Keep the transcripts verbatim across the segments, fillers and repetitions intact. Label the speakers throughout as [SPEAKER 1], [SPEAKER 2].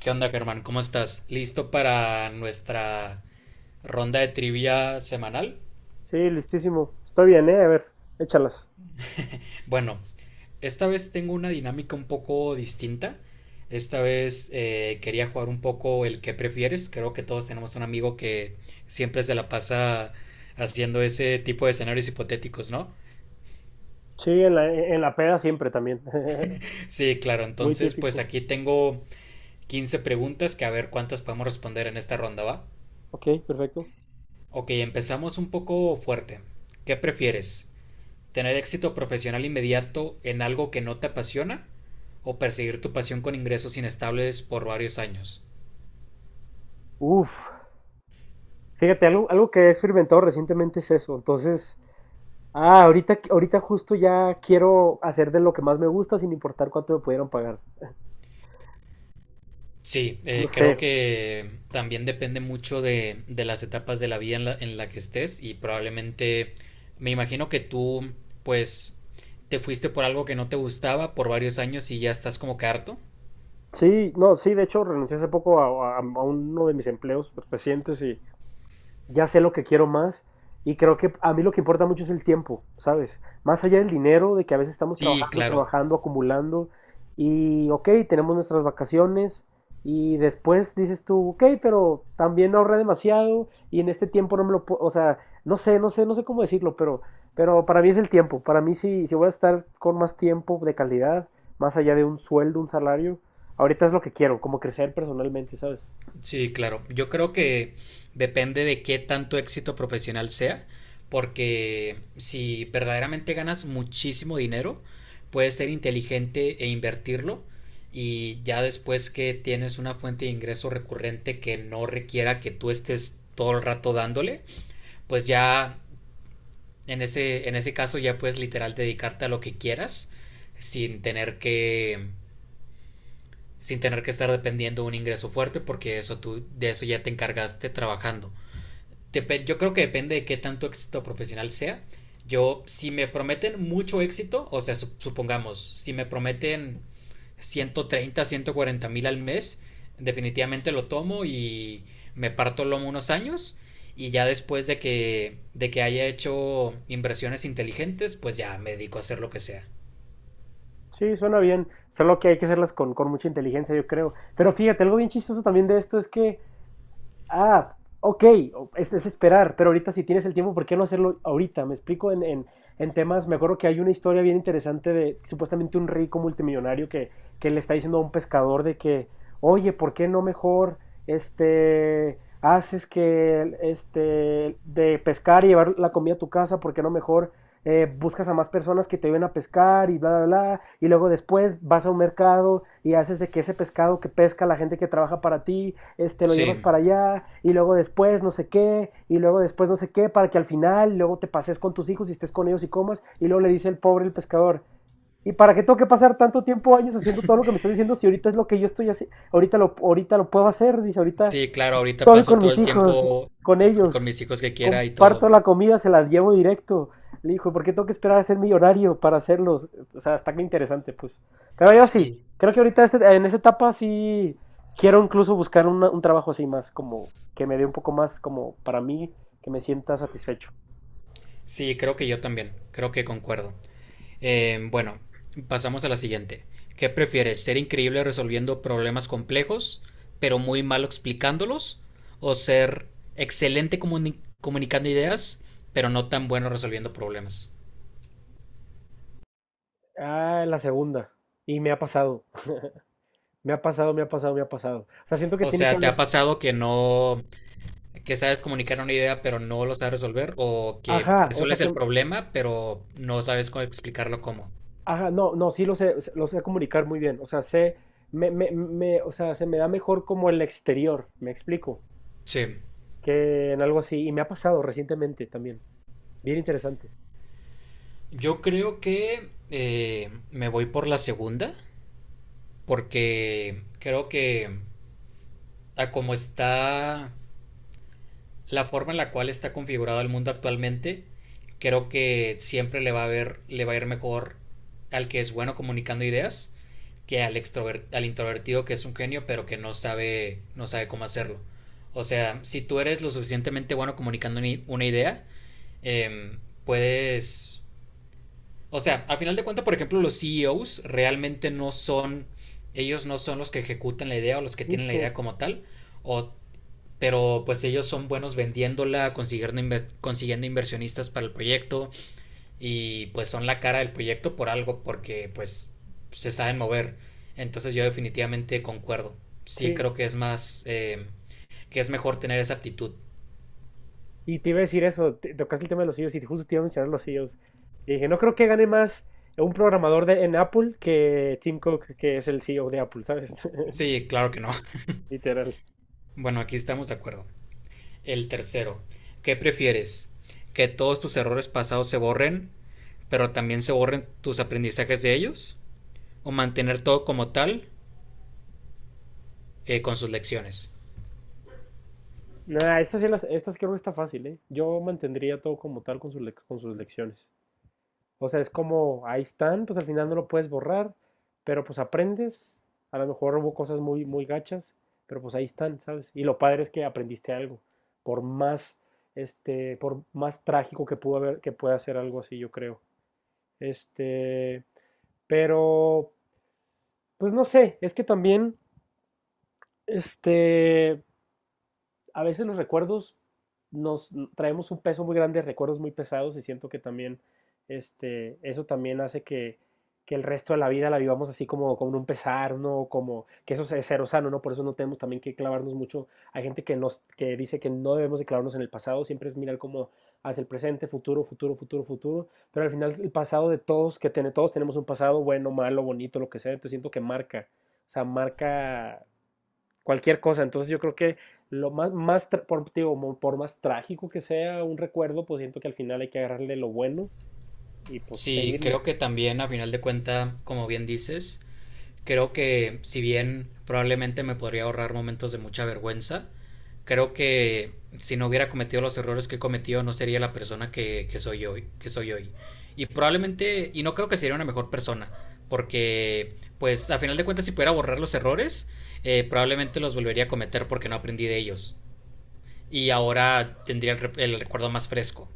[SPEAKER 1] ¿Qué onda, Germán? ¿Cómo estás? ¿Listo para nuestra ronda de trivia semanal?
[SPEAKER 2] Sí, listísimo. Está bien, ¿eh? A ver, échalas.
[SPEAKER 1] Bueno, esta vez tengo una dinámica un poco distinta. Esta vez eh, quería jugar un poco el que prefieres. Creo que todos tenemos un amigo que siempre se la pasa haciendo ese tipo de escenarios hipotéticos, ¿no?
[SPEAKER 2] Sí, en la, en la peda siempre también.
[SPEAKER 1] Sí, claro.
[SPEAKER 2] Muy
[SPEAKER 1] Entonces, pues
[SPEAKER 2] típico.
[SPEAKER 1] aquí tengo quince preguntas que a ver cuántas podemos responder en esta ronda, ¿va?
[SPEAKER 2] Ok, perfecto.
[SPEAKER 1] Ok, empezamos un poco fuerte. ¿Qué prefieres? ¿Tener éxito profesional inmediato en algo que no te apasiona? ¿O perseguir tu pasión con ingresos inestables por varios años?
[SPEAKER 2] Uf, fíjate, algo, algo que he experimentado recientemente es eso. Entonces, ah, ahorita, ahorita justo ya quiero hacer de lo que más me gusta sin importar cuánto me pudieran pagar.
[SPEAKER 1] Sí,
[SPEAKER 2] No
[SPEAKER 1] eh,
[SPEAKER 2] sé.
[SPEAKER 1] creo que también depende mucho de, de las etapas de la vida en la, en la que estés y probablemente me imagino que tú pues te fuiste por algo que no te gustaba por varios años y ya estás como que harto.
[SPEAKER 2] Sí, no, sí, de hecho renuncié hace poco a, a- a uno de mis empleos recientes y ya sé lo que quiero más y creo que a mí lo que importa mucho es el tiempo, ¿sabes? Más allá del dinero, de que a veces estamos
[SPEAKER 1] Sí,
[SPEAKER 2] trabajando,
[SPEAKER 1] claro.
[SPEAKER 2] trabajando, acumulando y, ok, tenemos nuestras vacaciones y después dices tú, ok, pero también ahorré demasiado y en este tiempo no me lo puedo, o sea, no sé, no sé, no sé cómo decirlo, pero, pero para mí es el tiempo, para mí si, si voy a estar con más tiempo de calidad, más allá de un sueldo, un salario, ahorita es lo que quiero, como crecer personalmente, ¿sabes?
[SPEAKER 1] Sí, claro. Yo creo que depende de qué tanto éxito profesional sea, porque si verdaderamente ganas muchísimo dinero, puedes ser inteligente e invertirlo y ya después que tienes una fuente de ingreso recurrente que no requiera que tú estés todo el rato dándole, pues ya en ese, en ese caso ya puedes literal dedicarte a lo que quieras sin tener que sin tener que estar dependiendo de un ingreso fuerte porque eso tú de eso ya te encargaste trabajando. Dep Yo creo que depende de qué tanto éxito profesional sea. Yo, si me prometen mucho éxito, o sea, sup- supongamos, si me prometen ciento treinta, ciento cuarenta mil al mes, definitivamente lo tomo y me parto el lomo unos años y ya después de que, de que haya hecho inversiones inteligentes, pues ya me dedico a hacer lo que sea.
[SPEAKER 2] Sí, suena bien. Solo que hay que hacerlas con, con mucha inteligencia, yo creo. Pero fíjate, algo bien chistoso también de esto es que, ah, ok, o- es, es esperar, pero ahorita si tienes el tiempo, ¿por qué no hacerlo ahorita? Me explico en, en, en temas, me acuerdo que hay una historia bien interesante de supuestamente un rico multimillonario que, que le está diciendo a un pescador de que, oye, ¿por qué no mejor este, haces que, este, de pescar y llevar la comida a tu casa? ¿Por qué no mejor? eh, buscas a más personas que te ayuden a pescar y bla, bla, bla, y luego después vas a un mercado y haces de que ese pescado que pesca la gente que trabaja para ti, este, lo llevas
[SPEAKER 1] Sí.
[SPEAKER 2] para allá, y luego después no sé qué, y luego después no sé qué, para que al final luego te pases con tus hijos y estés con ellos y comas, y luego le dice el pobre el pescador, ¿y para qué tengo que pasar tanto tiempo, años haciendo todo lo que me estás diciendo si ahorita es lo que yo estoy haciendo, ahorita lo, ahorita lo puedo hacer, dice, ahorita
[SPEAKER 1] Sí, claro, ahorita
[SPEAKER 2] estoy
[SPEAKER 1] paso
[SPEAKER 2] con
[SPEAKER 1] todo
[SPEAKER 2] mis
[SPEAKER 1] el
[SPEAKER 2] hijos,
[SPEAKER 1] tiempo
[SPEAKER 2] con
[SPEAKER 1] con con mis
[SPEAKER 2] ellos.
[SPEAKER 1] hijos que quiera y todo.
[SPEAKER 2] Comparto la comida, se la llevo directo. Le dijo, ¿por qué tengo que esperar a ser millonario para hacerlos? O sea, está que interesante, pues. Pero yo sí,
[SPEAKER 1] Sí,
[SPEAKER 2] creo que ahorita este- en esta etapa sí quiero incluso buscar una- un trabajo así más como que me dé un poco más como para mí, que me sienta satisfecho.
[SPEAKER 1] sí, creo que yo también, creo que concuerdo. Eh, bueno, pasamos a la siguiente. ¿Qué prefieres, ser increíble resolviendo problemas complejos, pero muy malo explicándolos, o ser excelente comuni- comunicando ideas, pero no tan bueno resolviendo problemas?
[SPEAKER 2] Ah, la segunda. Y me ha pasado, me ha pasado, me ha pasado, me ha pasado. O sea, siento que
[SPEAKER 1] O
[SPEAKER 2] tiene que
[SPEAKER 1] sea, ¿te ha
[SPEAKER 2] haber.
[SPEAKER 1] pasado que no, que sabes comunicar una idea pero no lo sabes resolver o que
[SPEAKER 2] Ajá, o sea
[SPEAKER 1] resuelves
[SPEAKER 2] que
[SPEAKER 1] el problema pero no sabes cómo explicarlo cómo?
[SPEAKER 2] ajá, no, no, sí lo sé, lo sé comunicar muy bien. O sea, sé, me, me, me- o sea, se me da mejor como el exterior, me explico,
[SPEAKER 1] Sí,
[SPEAKER 2] que en algo así. Y me ha pasado recientemente también. Bien interesante.
[SPEAKER 1] yo creo que eh, me voy por la segunda porque creo que a como está la forma en la cual está configurado el mundo actualmente, creo que siempre le va a ver, le va a ir mejor al que es bueno comunicando ideas que al, extrover- al introvertido que es un genio pero que no sabe, no sabe cómo hacerlo. O sea, si tú eres lo suficientemente bueno comunicando ni- una idea, em, puedes... O sea, a final de cuentas, por ejemplo, los C E Os realmente no son... Ellos no son los que ejecutan la idea o los que tienen la
[SPEAKER 2] Justo,
[SPEAKER 1] idea como tal, o pero pues ellos son buenos vendiéndola, consiguiendo, inver- consiguiendo inversionistas para el proyecto y pues son la cara del proyecto por algo porque pues se saben mover. Entonces yo definitivamente concuerdo. Sí
[SPEAKER 2] sí.
[SPEAKER 1] creo que es más, eh, que es mejor tener esa aptitud.
[SPEAKER 2] Y te iba a decir eso, te- tocaste el tema de los C E Os y justo te iba a mencionar los C E Os. Y dije, no creo que gane más un programador de, en Apple que Tim Cook, que es el C E O de Apple, ¿sabes?
[SPEAKER 1] Sí, claro que no.
[SPEAKER 2] Literal.
[SPEAKER 1] Bueno, aquí estamos de acuerdo. El tercero, ¿qué prefieres? ¿Que todos tus errores pasados se borren, pero también se borren tus aprendizajes de ellos? ¿O mantener todo como tal, eh, con sus lecciones?
[SPEAKER 2] Nah, estas, sí las- estas creo que no está fácil, ¿eh? Yo mantendría todo como tal con sus, lec- con sus lecciones. O sea, es como, ahí están, pues al final no lo puedes borrar, pero pues aprendes. A lo mejor hubo cosas muy, muy gachas, pero pues ahí están, ¿sabes? Y lo padre es que aprendiste algo, por más, este, por más trágico que pudo haber, que pueda ser algo así, yo creo. Este, pero, pues no sé, es que también, este, a veces los recuerdos nos traemos un peso muy grande, recuerdos muy pesados y siento que también este, eso también hace que, que el resto de la vida la vivamos así como con un pesar, ¿no? Como que eso es cero sano, ¿no? Por eso no tenemos también que clavarnos mucho. Hay gente que, nos, que dice que no debemos de clavarnos en el pasado, siempre es mirar como hacia el presente, futuro, futuro, futuro, futuro, pero al final el pasado de todos, que tiene, todos tenemos un pasado bueno, malo, bonito, lo que sea, entonces siento que marca, o sea, marca cualquier cosa. Entonces yo creo que lo más, más por, digo, por más trágico que sea un recuerdo, pues siento que al final hay que agarrarle lo bueno y pues
[SPEAKER 1] Sí,
[SPEAKER 2] seguirle.
[SPEAKER 1] creo que también a final de cuenta, como bien dices, creo que si bien probablemente me podría ahorrar momentos de mucha vergüenza, creo que si no hubiera cometido los errores que he cometido no sería la persona que, que soy hoy, que soy hoy. Y probablemente, y no creo que sería una mejor persona, porque pues a final de cuentas si pudiera borrar los errores, eh, probablemente los volvería a cometer porque no aprendí de ellos. Y ahora tendría el, re- el recuerdo más fresco.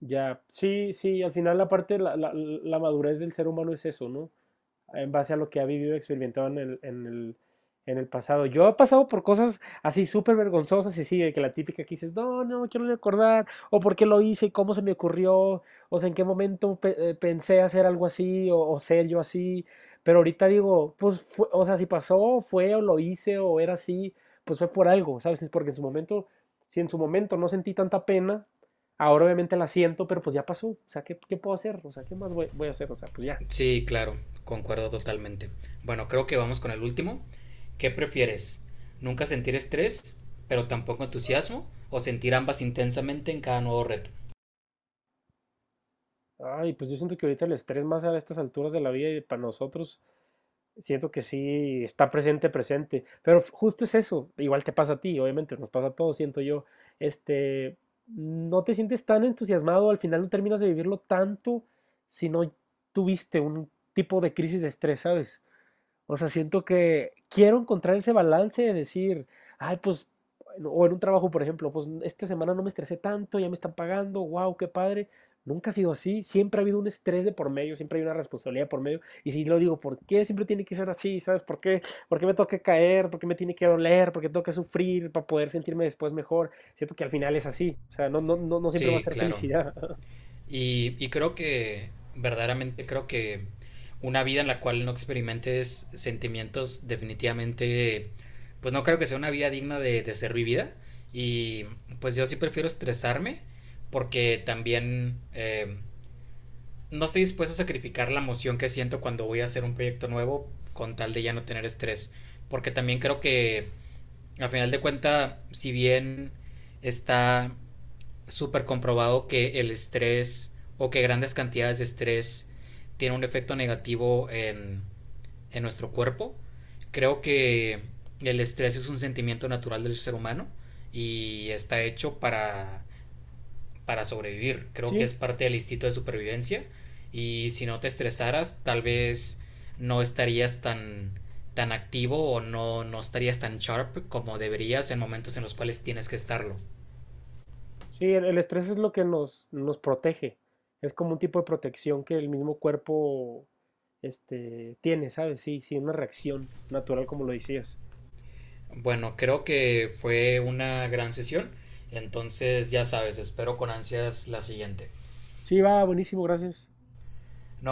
[SPEAKER 2] Ya, sí, sí, al final la parte, la, la, la madurez del ser humano es eso, ¿no? En base a lo que ha vivido, experimentado en el, en el, en el pasado. Yo he pasado por cosas así súper vergonzosas y sí, de que la típica que dices, no, no quiero recordar, o por qué lo hice, cómo se me ocurrió, o sea, en qué momento pe- eh, pensé hacer algo así, o, o ser yo así. Pero ahorita digo, pues, fue- o sea, si pasó, fue, o lo hice, o era así, pues fue por algo, ¿sabes? Es porque en su momento, si en su momento no sentí tanta pena, ahora obviamente la siento, pero pues ya pasó, o sea, ¿qué, qué puedo hacer? O sea, ¿qué más voy, voy a hacer? O sea, pues ya,
[SPEAKER 1] Sí, claro, concuerdo totalmente. Bueno, creo que vamos con el último. ¿Qué prefieres? ¿Nunca sentir estrés, pero tampoco entusiasmo? ¿O sentir ambas intensamente en cada nuevo reto?
[SPEAKER 2] ay, pues yo siento que ahorita el estrés más a estas alturas de la vida y para nosotros, siento que sí está presente, presente. Pero f- justo es eso, igual te pasa a ti, obviamente, nos pasa a todos, siento yo. Este, no te sientes tan entusiasmado, al final no terminas de vivirlo tanto si no tuviste un tipo de crisis de estrés, ¿sabes? O sea, siento que quiero encontrar ese balance de decir, ay, pues, bueno, o en un trabajo, por ejemplo, pues esta semana no me estresé tanto, ya me están pagando, wow, qué padre. Nunca ha sido así, siempre ha habido un estrés de por medio, siempre hay una responsabilidad por medio. Y si lo digo, ¿por qué siempre tiene que ser así? ¿Sabes por qué? ¿Por qué me toca caer? ¿Por qué me tiene que doler? ¿Por qué tengo que sufrir para poder sentirme después mejor? Siento que al final es así, o sea, no, no, no, no siempre va a
[SPEAKER 1] Sí,
[SPEAKER 2] ser
[SPEAKER 1] claro.
[SPEAKER 2] felicidad.
[SPEAKER 1] Y, y creo que, verdaderamente creo que una vida en la cual no experimentes sentimientos definitivamente, pues no creo que sea una vida digna de, de ser vivida. Y pues yo sí prefiero estresarme porque también... eh, no estoy dispuesto a sacrificar la emoción que siento cuando voy a hacer un proyecto nuevo con tal de ya no tener estrés. Porque también creo que, a final de cuentas, si bien está súper comprobado que el estrés o que grandes cantidades de estrés tiene un efecto negativo en, en nuestro cuerpo, creo que el estrés es un sentimiento natural del ser humano y está hecho para para sobrevivir. Creo que
[SPEAKER 2] Sí.
[SPEAKER 1] es parte del instinto de supervivencia y si no te estresaras, tal vez no estarías tan, tan activo o no, no estarías tan sharp como deberías en momentos en los cuales tienes que estarlo.
[SPEAKER 2] Sí, el, el estrés es lo que nos, nos protege. Es como un tipo de protección que el mismo cuerpo este, tiene, ¿sabes? Sí, sí, una reacción natural, como lo decías.
[SPEAKER 1] Bueno, creo que fue una gran sesión, entonces ya sabes, espero con ansias la siguiente.
[SPEAKER 2] Sí, va, buenísimo, gracias.
[SPEAKER 1] No